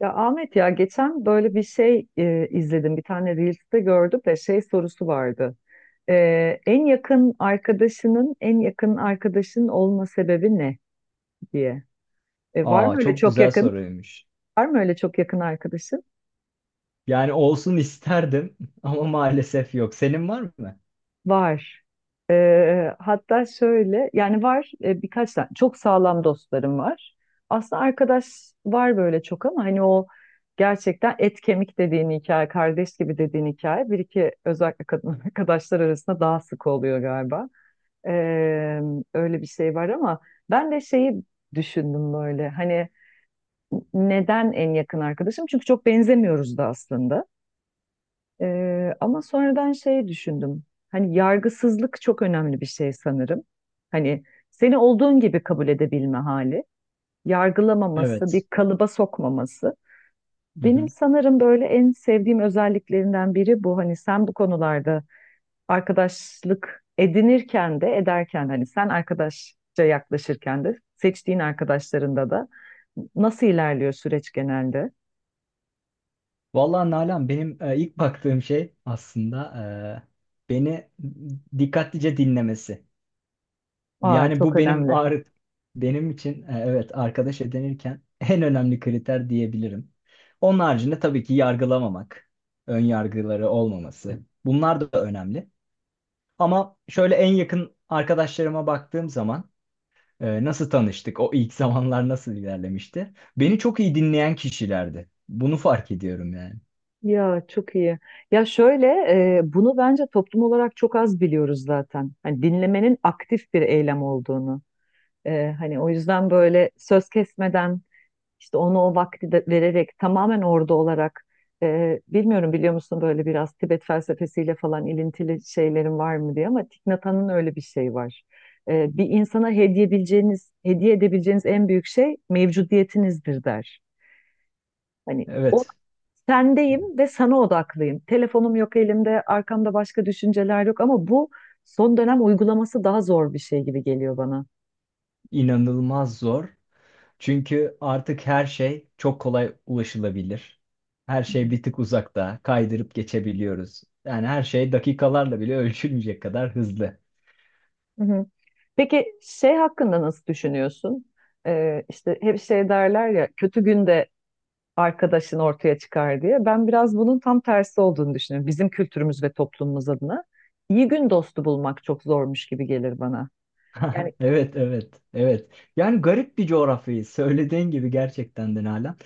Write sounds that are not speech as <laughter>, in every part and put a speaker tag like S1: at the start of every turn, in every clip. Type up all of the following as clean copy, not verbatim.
S1: Ya Ahmet ya geçen böyle bir şey izledim. Bir tane Reels'te gördüm de şey sorusu vardı. En yakın arkadaşının en yakın arkadaşın olma sebebi ne diye. Var mı
S2: Aa
S1: öyle
S2: çok
S1: çok
S2: güzel
S1: yakın?
S2: soruymuş.
S1: Var mı öyle çok yakın arkadaşın?
S2: Yani olsun isterdim <laughs> ama maalesef yok. Senin var mı?
S1: Var. Hatta şöyle yani var birkaç tane çok sağlam dostlarım var. Aslında arkadaş var böyle çok ama hani o gerçekten et kemik dediğin hikaye, kardeş gibi dediğin hikaye bir iki özellikle kadın <laughs> arkadaşlar arasında daha sık oluyor galiba. Ee, Öyle bir şey var ama ben de şeyi düşündüm böyle hani neden en yakın arkadaşım? Çünkü çok benzemiyoruz da aslında. Ama sonradan şey düşündüm. Hani yargısızlık çok önemli bir şey sanırım. Hani seni olduğun gibi kabul edebilme hali, yargılamaması,
S2: Evet.
S1: bir kalıba sokmaması.
S2: Hı
S1: Benim
S2: hı.
S1: sanırım böyle en sevdiğim özelliklerinden biri bu. Hani sen bu konularda arkadaşlık edinirken de ederken hani sen arkadaşça yaklaşırken de seçtiğin arkadaşlarında da nasıl ilerliyor süreç genelde?
S2: Vallahi Nalan benim ilk baktığım şey aslında beni dikkatlice dinlemesi.
S1: Aa
S2: Yani
S1: çok
S2: bu benim
S1: önemli.
S2: ağrı benim için evet arkadaş edinirken <laughs> en önemli kriter diyebilirim. Onun haricinde tabii ki yargılamamak, ön yargıları olmaması. Bunlar da önemli. Ama şöyle en yakın arkadaşlarıma baktığım zaman, nasıl tanıştık? O ilk zamanlar nasıl ilerlemişti? Beni çok iyi dinleyen kişilerdi. Bunu fark ediyorum yani.
S1: Ya çok iyi. Ya şöyle bunu bence toplum olarak çok az biliyoruz zaten. Hani dinlemenin aktif bir eylem olduğunu. Hani o yüzden böyle söz kesmeden işte onu o vakti de vererek tamamen orada olarak bilmiyorum biliyor musun böyle biraz Tibet felsefesiyle falan ilintili şeylerin var mı diye ama Thich Nhat Hanh'ın öyle bir şey var. Bir insana hediye edebileceğiniz, hediye edebileceğiniz en büyük şey mevcudiyetinizdir der. Hani o
S2: Evet,
S1: sendeyim ve sana odaklıyım. Telefonum yok elimde, arkamda başka düşünceler yok ama bu son dönem uygulaması daha zor bir şey gibi geliyor bana.
S2: inanılmaz zor. Çünkü artık her şey çok kolay ulaşılabilir. Her şey bir tık uzakta, kaydırıp geçebiliyoruz. Yani her şey dakikalarla bile <laughs> ölçülmeyecek kadar hızlı.
S1: Hı hı. Peki şey hakkında nasıl düşünüyorsun? İşte hep şey derler ya kötü günde arkadaşın ortaya çıkar diye. Ben biraz bunun tam tersi olduğunu düşünüyorum. Bizim kültürümüz ve toplumumuz adına. İyi gün dostu bulmak çok zormuş gibi gelir bana. Yani
S2: <laughs> Evet, evet, evet. Yani garip bir coğrafyayı söylediğin gibi gerçekten de Nalan.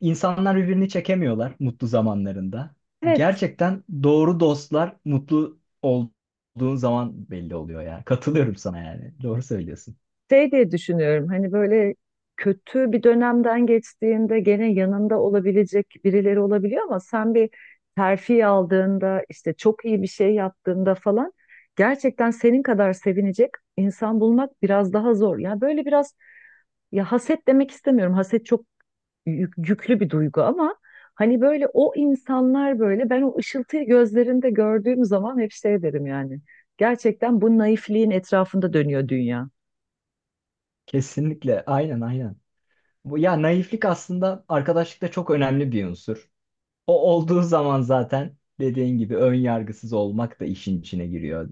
S2: İnsanlar birbirini çekemiyorlar mutlu zamanlarında.
S1: evet,
S2: Gerçekten doğru dostlar mutlu olduğun zaman belli oluyor ya. Katılıyorum sana yani. Doğru söylüyorsun.
S1: şey diye düşünüyorum hani böyle kötü bir dönemden geçtiğinde gene yanında olabilecek birileri olabiliyor ama sen bir terfi aldığında işte çok iyi bir şey yaptığında falan gerçekten senin kadar sevinecek insan bulmak biraz daha zor. Ya böyle biraz, ya haset demek istemiyorum. Haset çok yüklü bir duygu ama hani böyle o insanlar, böyle ben o ışıltıyı gözlerinde gördüğüm zaman hep şey derim yani. Gerçekten bu naifliğin etrafında dönüyor dünya.
S2: Kesinlikle. Aynen aynen. Bu ya naiflik aslında arkadaşlıkta çok önemli bir unsur. O olduğu zaman zaten dediğin gibi ön yargısız olmak da işin içine giriyor.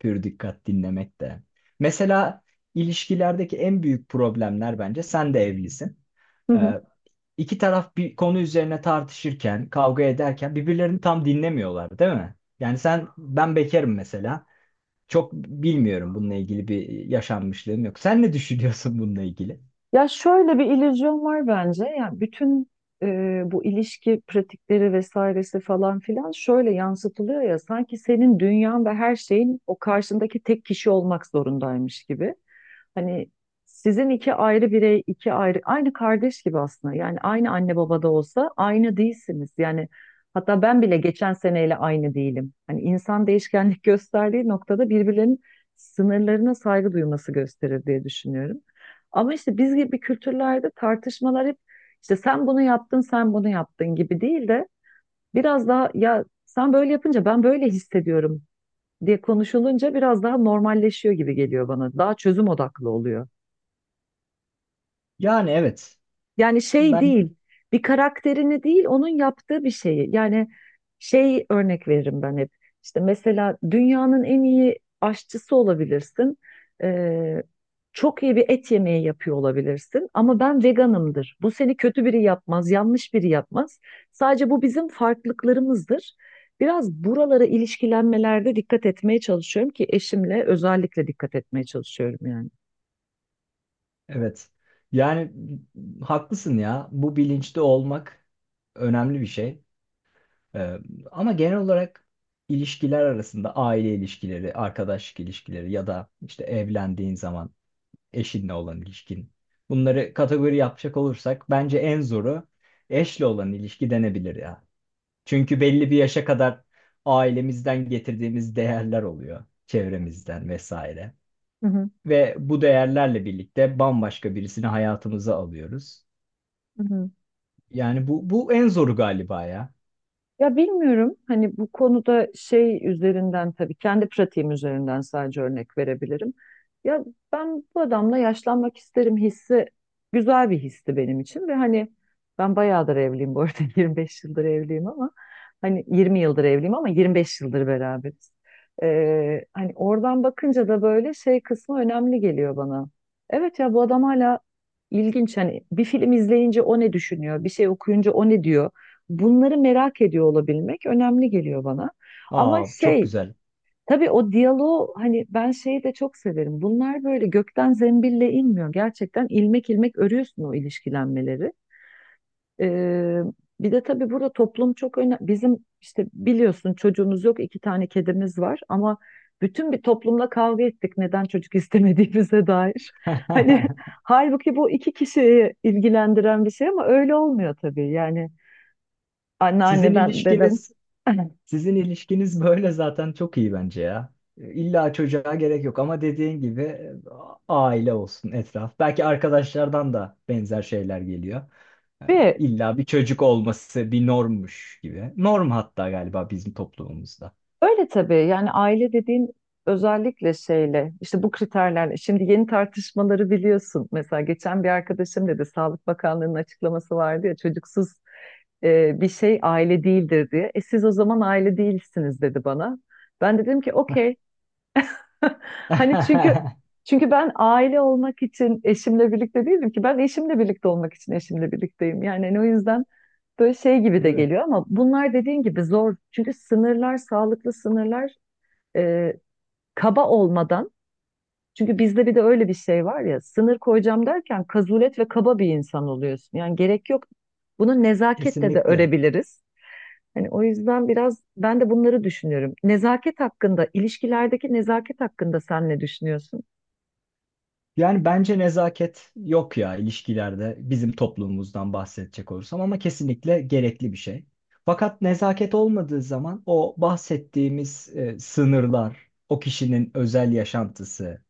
S2: Pür dikkat dinlemek de. Mesela ilişkilerdeki en büyük problemler bence sen de evlisin. Ee,
S1: <laughs>
S2: İki taraf bir konu üzerine tartışırken, kavga ederken birbirlerini tam dinlemiyorlar, değil mi? Yani sen, ben bekarım mesela. Çok bilmiyorum bununla ilgili bir yaşanmışlığım yok. Sen ne düşünüyorsun bununla ilgili?
S1: Ya şöyle bir illüzyon var bence. Yani bütün bu ilişki pratikleri vesairesi falan filan şöyle yansıtılıyor ya sanki senin dünyan ve her şeyin o karşındaki tek kişi olmak zorundaymış gibi. Hani sizin iki ayrı birey, iki ayrı, aynı kardeş gibi aslında. Yani aynı anne babada olsa aynı değilsiniz. Yani hatta ben bile geçen seneyle aynı değilim. Hani insan değişkenlik <laughs> gösterdiği noktada birbirlerinin sınırlarına saygı duyması gösterir diye düşünüyorum. Ama işte biz gibi kültürlerde tartışmalar hep işte sen bunu yaptın, sen bunu yaptın gibi değil de biraz daha ya sen böyle yapınca ben böyle hissediyorum diye konuşulunca biraz daha normalleşiyor gibi geliyor bana. Daha çözüm odaklı oluyor.
S2: Yani evet.
S1: Yani şey
S2: Ben
S1: değil, bir karakterini değil, onun yaptığı bir şeyi. Yani şey örnek veririm ben hep. İşte mesela dünyanın en iyi aşçısı olabilirsin. Ee, Çok iyi bir et yemeği yapıyor olabilirsin. Ama ben veganımdır. Bu seni kötü biri yapmaz, yanlış biri yapmaz. Sadece bu bizim farklılıklarımızdır. Biraz buralara ilişkilenmelerde dikkat etmeye çalışıyorum ki eşimle özellikle dikkat etmeye çalışıyorum yani.
S2: evet. Yani haklısın ya. Bu bilinçli olmak önemli bir şey. Ee, ama genel olarak ilişkiler arasında aile ilişkileri, arkadaşlık ilişkileri ya da işte evlendiğin zaman eşinle olan ilişkin. Bunları kategori yapacak olursak bence en zoru eşle olan ilişki denebilir ya. Çünkü belli bir yaşa kadar ailemizden getirdiğimiz değerler oluyor, çevremizden vesaire.
S1: Hı hı.
S2: Ve bu değerlerle birlikte bambaşka birisini hayatımıza alıyoruz.
S1: Hı hı.
S2: Yani bu en zoru galiba ya.
S1: Ya bilmiyorum hani bu konuda şey üzerinden tabii kendi pratiğim üzerinden sadece örnek verebilirim. Ya ben bu adamla yaşlanmak isterim hissi güzel bir histi benim için ve hani ben bayağıdır evliyim bu arada <laughs> 25 yıldır evliyim ama hani 20 yıldır evliyim ama 25 yıldır beraberiz. Hani oradan bakınca da böyle şey kısmı önemli geliyor bana. Evet ya, bu adam hala ilginç, hani bir film izleyince o ne düşünüyor, bir şey okuyunca o ne diyor. Bunları merak ediyor olabilmek önemli geliyor bana. Ama
S2: Aa çok
S1: şey,
S2: güzel.
S1: tabii o diyaloğu hani ben şeyi de çok severim. Bunlar böyle gökten zembille inmiyor. Gerçekten ilmek ilmek örüyorsun o ilişkilenmeleri. Ee, Bir de tabii burada toplum çok önemli. Bizim işte biliyorsun çocuğumuz yok, iki tane kedimiz var ama bütün bir toplumla kavga ettik neden çocuk <laughs> istemediğimize dair. Hani <laughs>
S2: <laughs>
S1: halbuki bu iki kişiyi ilgilendiren bir şey ama öyle olmuyor tabii yani.
S2: Sizin
S1: Anneanneden, dedem.
S2: ilişkiniz
S1: <laughs>
S2: sizin ilişkiniz <laughs> böyle zaten çok iyi bence ya. İlla çocuğa gerek yok ama dediğin gibi aile olsun etraf. Belki arkadaşlardan da benzer şeyler geliyor. Yani
S1: Ve
S2: İlla bir çocuk olması bir normmuş gibi. Norm hatta galiba bizim toplumumuzda.
S1: öyle tabii yani aile dediğin özellikle şeyle işte bu kriterlerle şimdi yeni tartışmaları biliyorsun. Mesela geçen bir arkadaşım dedi Sağlık Bakanlığı'nın açıklaması vardı ya çocuksuz bir şey aile değildir diye. E siz o zaman aile değilsiniz dedi bana. Ben de dedim ki okey. <laughs> Hani çünkü
S2: <laughs>
S1: ben aile olmak için eşimle birlikte değilim ki, ben eşimle birlikte olmak için eşimle birlikteyim. Yani hani o yüzden böyle şey gibi de
S2: Evet,
S1: geliyor ama bunlar dediğin gibi zor. Çünkü sınırlar, sağlıklı sınırlar, e, kaba olmadan. Çünkü bizde bir de öyle bir şey var ya, sınır koyacağım derken kazulet ve kaba bir insan oluyorsun. Yani gerek yok. Bunu nezaketle de
S2: kesinlikle.
S1: örebiliriz. Hani o yüzden biraz ben de bunları düşünüyorum. Nezaket hakkında, ilişkilerdeki nezaket hakkında sen ne düşünüyorsun?
S2: Yani bence nezaket yok ya ilişkilerde bizim toplumumuzdan bahsedecek olursam ama kesinlikle gerekli bir şey. Fakat nezaket olmadığı zaman o bahsettiğimiz sınırlar, o kişinin özel yaşantısı,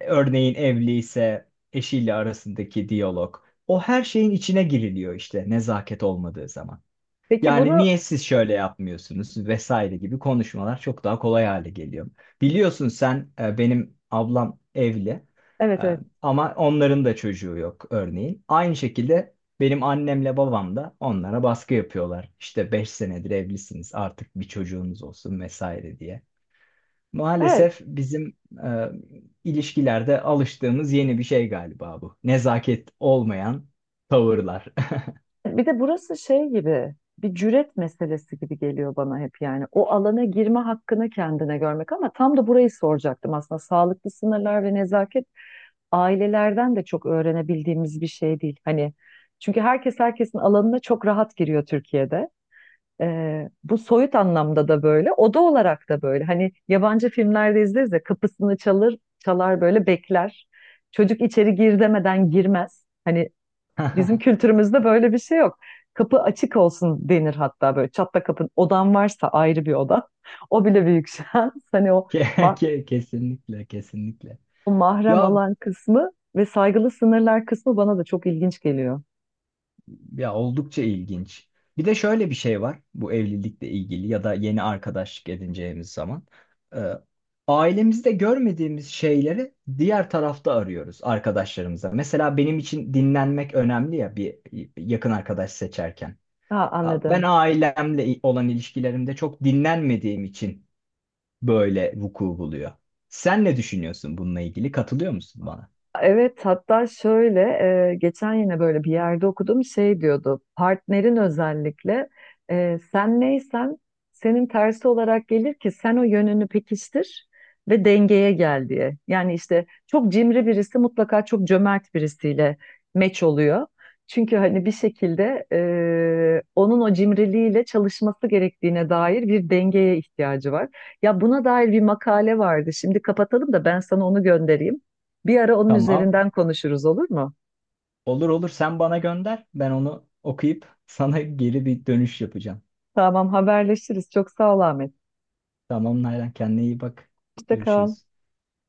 S2: örneğin evli ise eşiyle arasındaki diyalog, o her şeyin içine giriliyor işte nezaket olmadığı zaman.
S1: Peki
S2: Yani
S1: bunu,
S2: niye siz şöyle yapmıyorsunuz vesaire gibi konuşmalar çok daha kolay hale geliyor. Biliyorsun sen benim ablam evli, e,
S1: evet, evet.
S2: ama onların da çocuğu yok örneğin. Aynı şekilde benim annemle babam da onlara baskı yapıyorlar. İşte 5 senedir evlisiniz artık bir çocuğunuz olsun vesaire diye.
S1: Evet,
S2: Maalesef bizim e, ilişkilerde alıştığımız yeni bir şey galiba bu. Nezaket olmayan tavırlar.
S1: bir de burası şey gibi bir cüret meselesi gibi geliyor bana hep yani. O alana girme hakkını kendine görmek, ama tam da burayı soracaktım aslında. Sağlıklı sınırlar ve nezaket ailelerden de çok öğrenebildiğimiz bir şey değil. Hani çünkü herkes herkesin alanına çok rahat giriyor Türkiye'de. Bu soyut anlamda da böyle, oda olarak da böyle. Hani yabancı filmlerde izleriz ya, kapısını çalır, çalar böyle bekler. Çocuk içeri gir demeden girmez. Hani bizim
S2: <laughs>
S1: kültürümüzde böyle bir şey yok. Kapı açık olsun denir, hatta böyle çatla kapın. Odan varsa ayrı bir oda. O bile büyük şans. <laughs> Hani o, ma-
S2: Kesinlikle, kesinlikle.
S1: o mahrem
S2: Ya
S1: alan kısmı ve saygılı sınırlar kısmı bana da çok ilginç geliyor.
S2: ya oldukça ilginç. Bir de şöyle bir şey var bu evlilikle ilgili ya da yeni arkadaşlık edineceğimiz zaman. Ee, ailemizde görmediğimiz şeyleri diğer tarafta arıyoruz arkadaşlarımıza. Mesela benim için dinlenmek önemli ya bir yakın arkadaş seçerken.
S1: Ha
S2: Ben
S1: anladım.
S2: ailemle olan ilişkilerimde çok dinlenmediğim için böyle vuku buluyor. Sen ne düşünüyorsun bununla ilgili? Katılıyor musun bana?
S1: Evet hatta şöyle, geçen yine böyle bir yerde okudum şey diyordu, partnerin özellikle sen neysen senin tersi olarak gelir ki sen o yönünü pekiştir ve dengeye gel diye. Yani işte çok cimri birisi mutlaka çok cömert birisiyle meç oluyor. Çünkü hani bir şekilde onun o cimriliğiyle çalışması gerektiğine dair bir dengeye ihtiyacı var. Ya buna dair bir makale vardı. Şimdi kapatalım da ben sana onu göndereyim. Bir ara onun
S2: Tamam.
S1: üzerinden konuşuruz, olur mu?
S2: Olur olur, sen bana gönder. Ben onu okuyup <laughs> sana geri bir dönüş yapacağım.
S1: Tamam, haberleşiriz. Çok sağ ol Ahmet.
S2: Tamam Nalan, kendine iyi bak.
S1: Hoşça kal.
S2: Görüşürüz.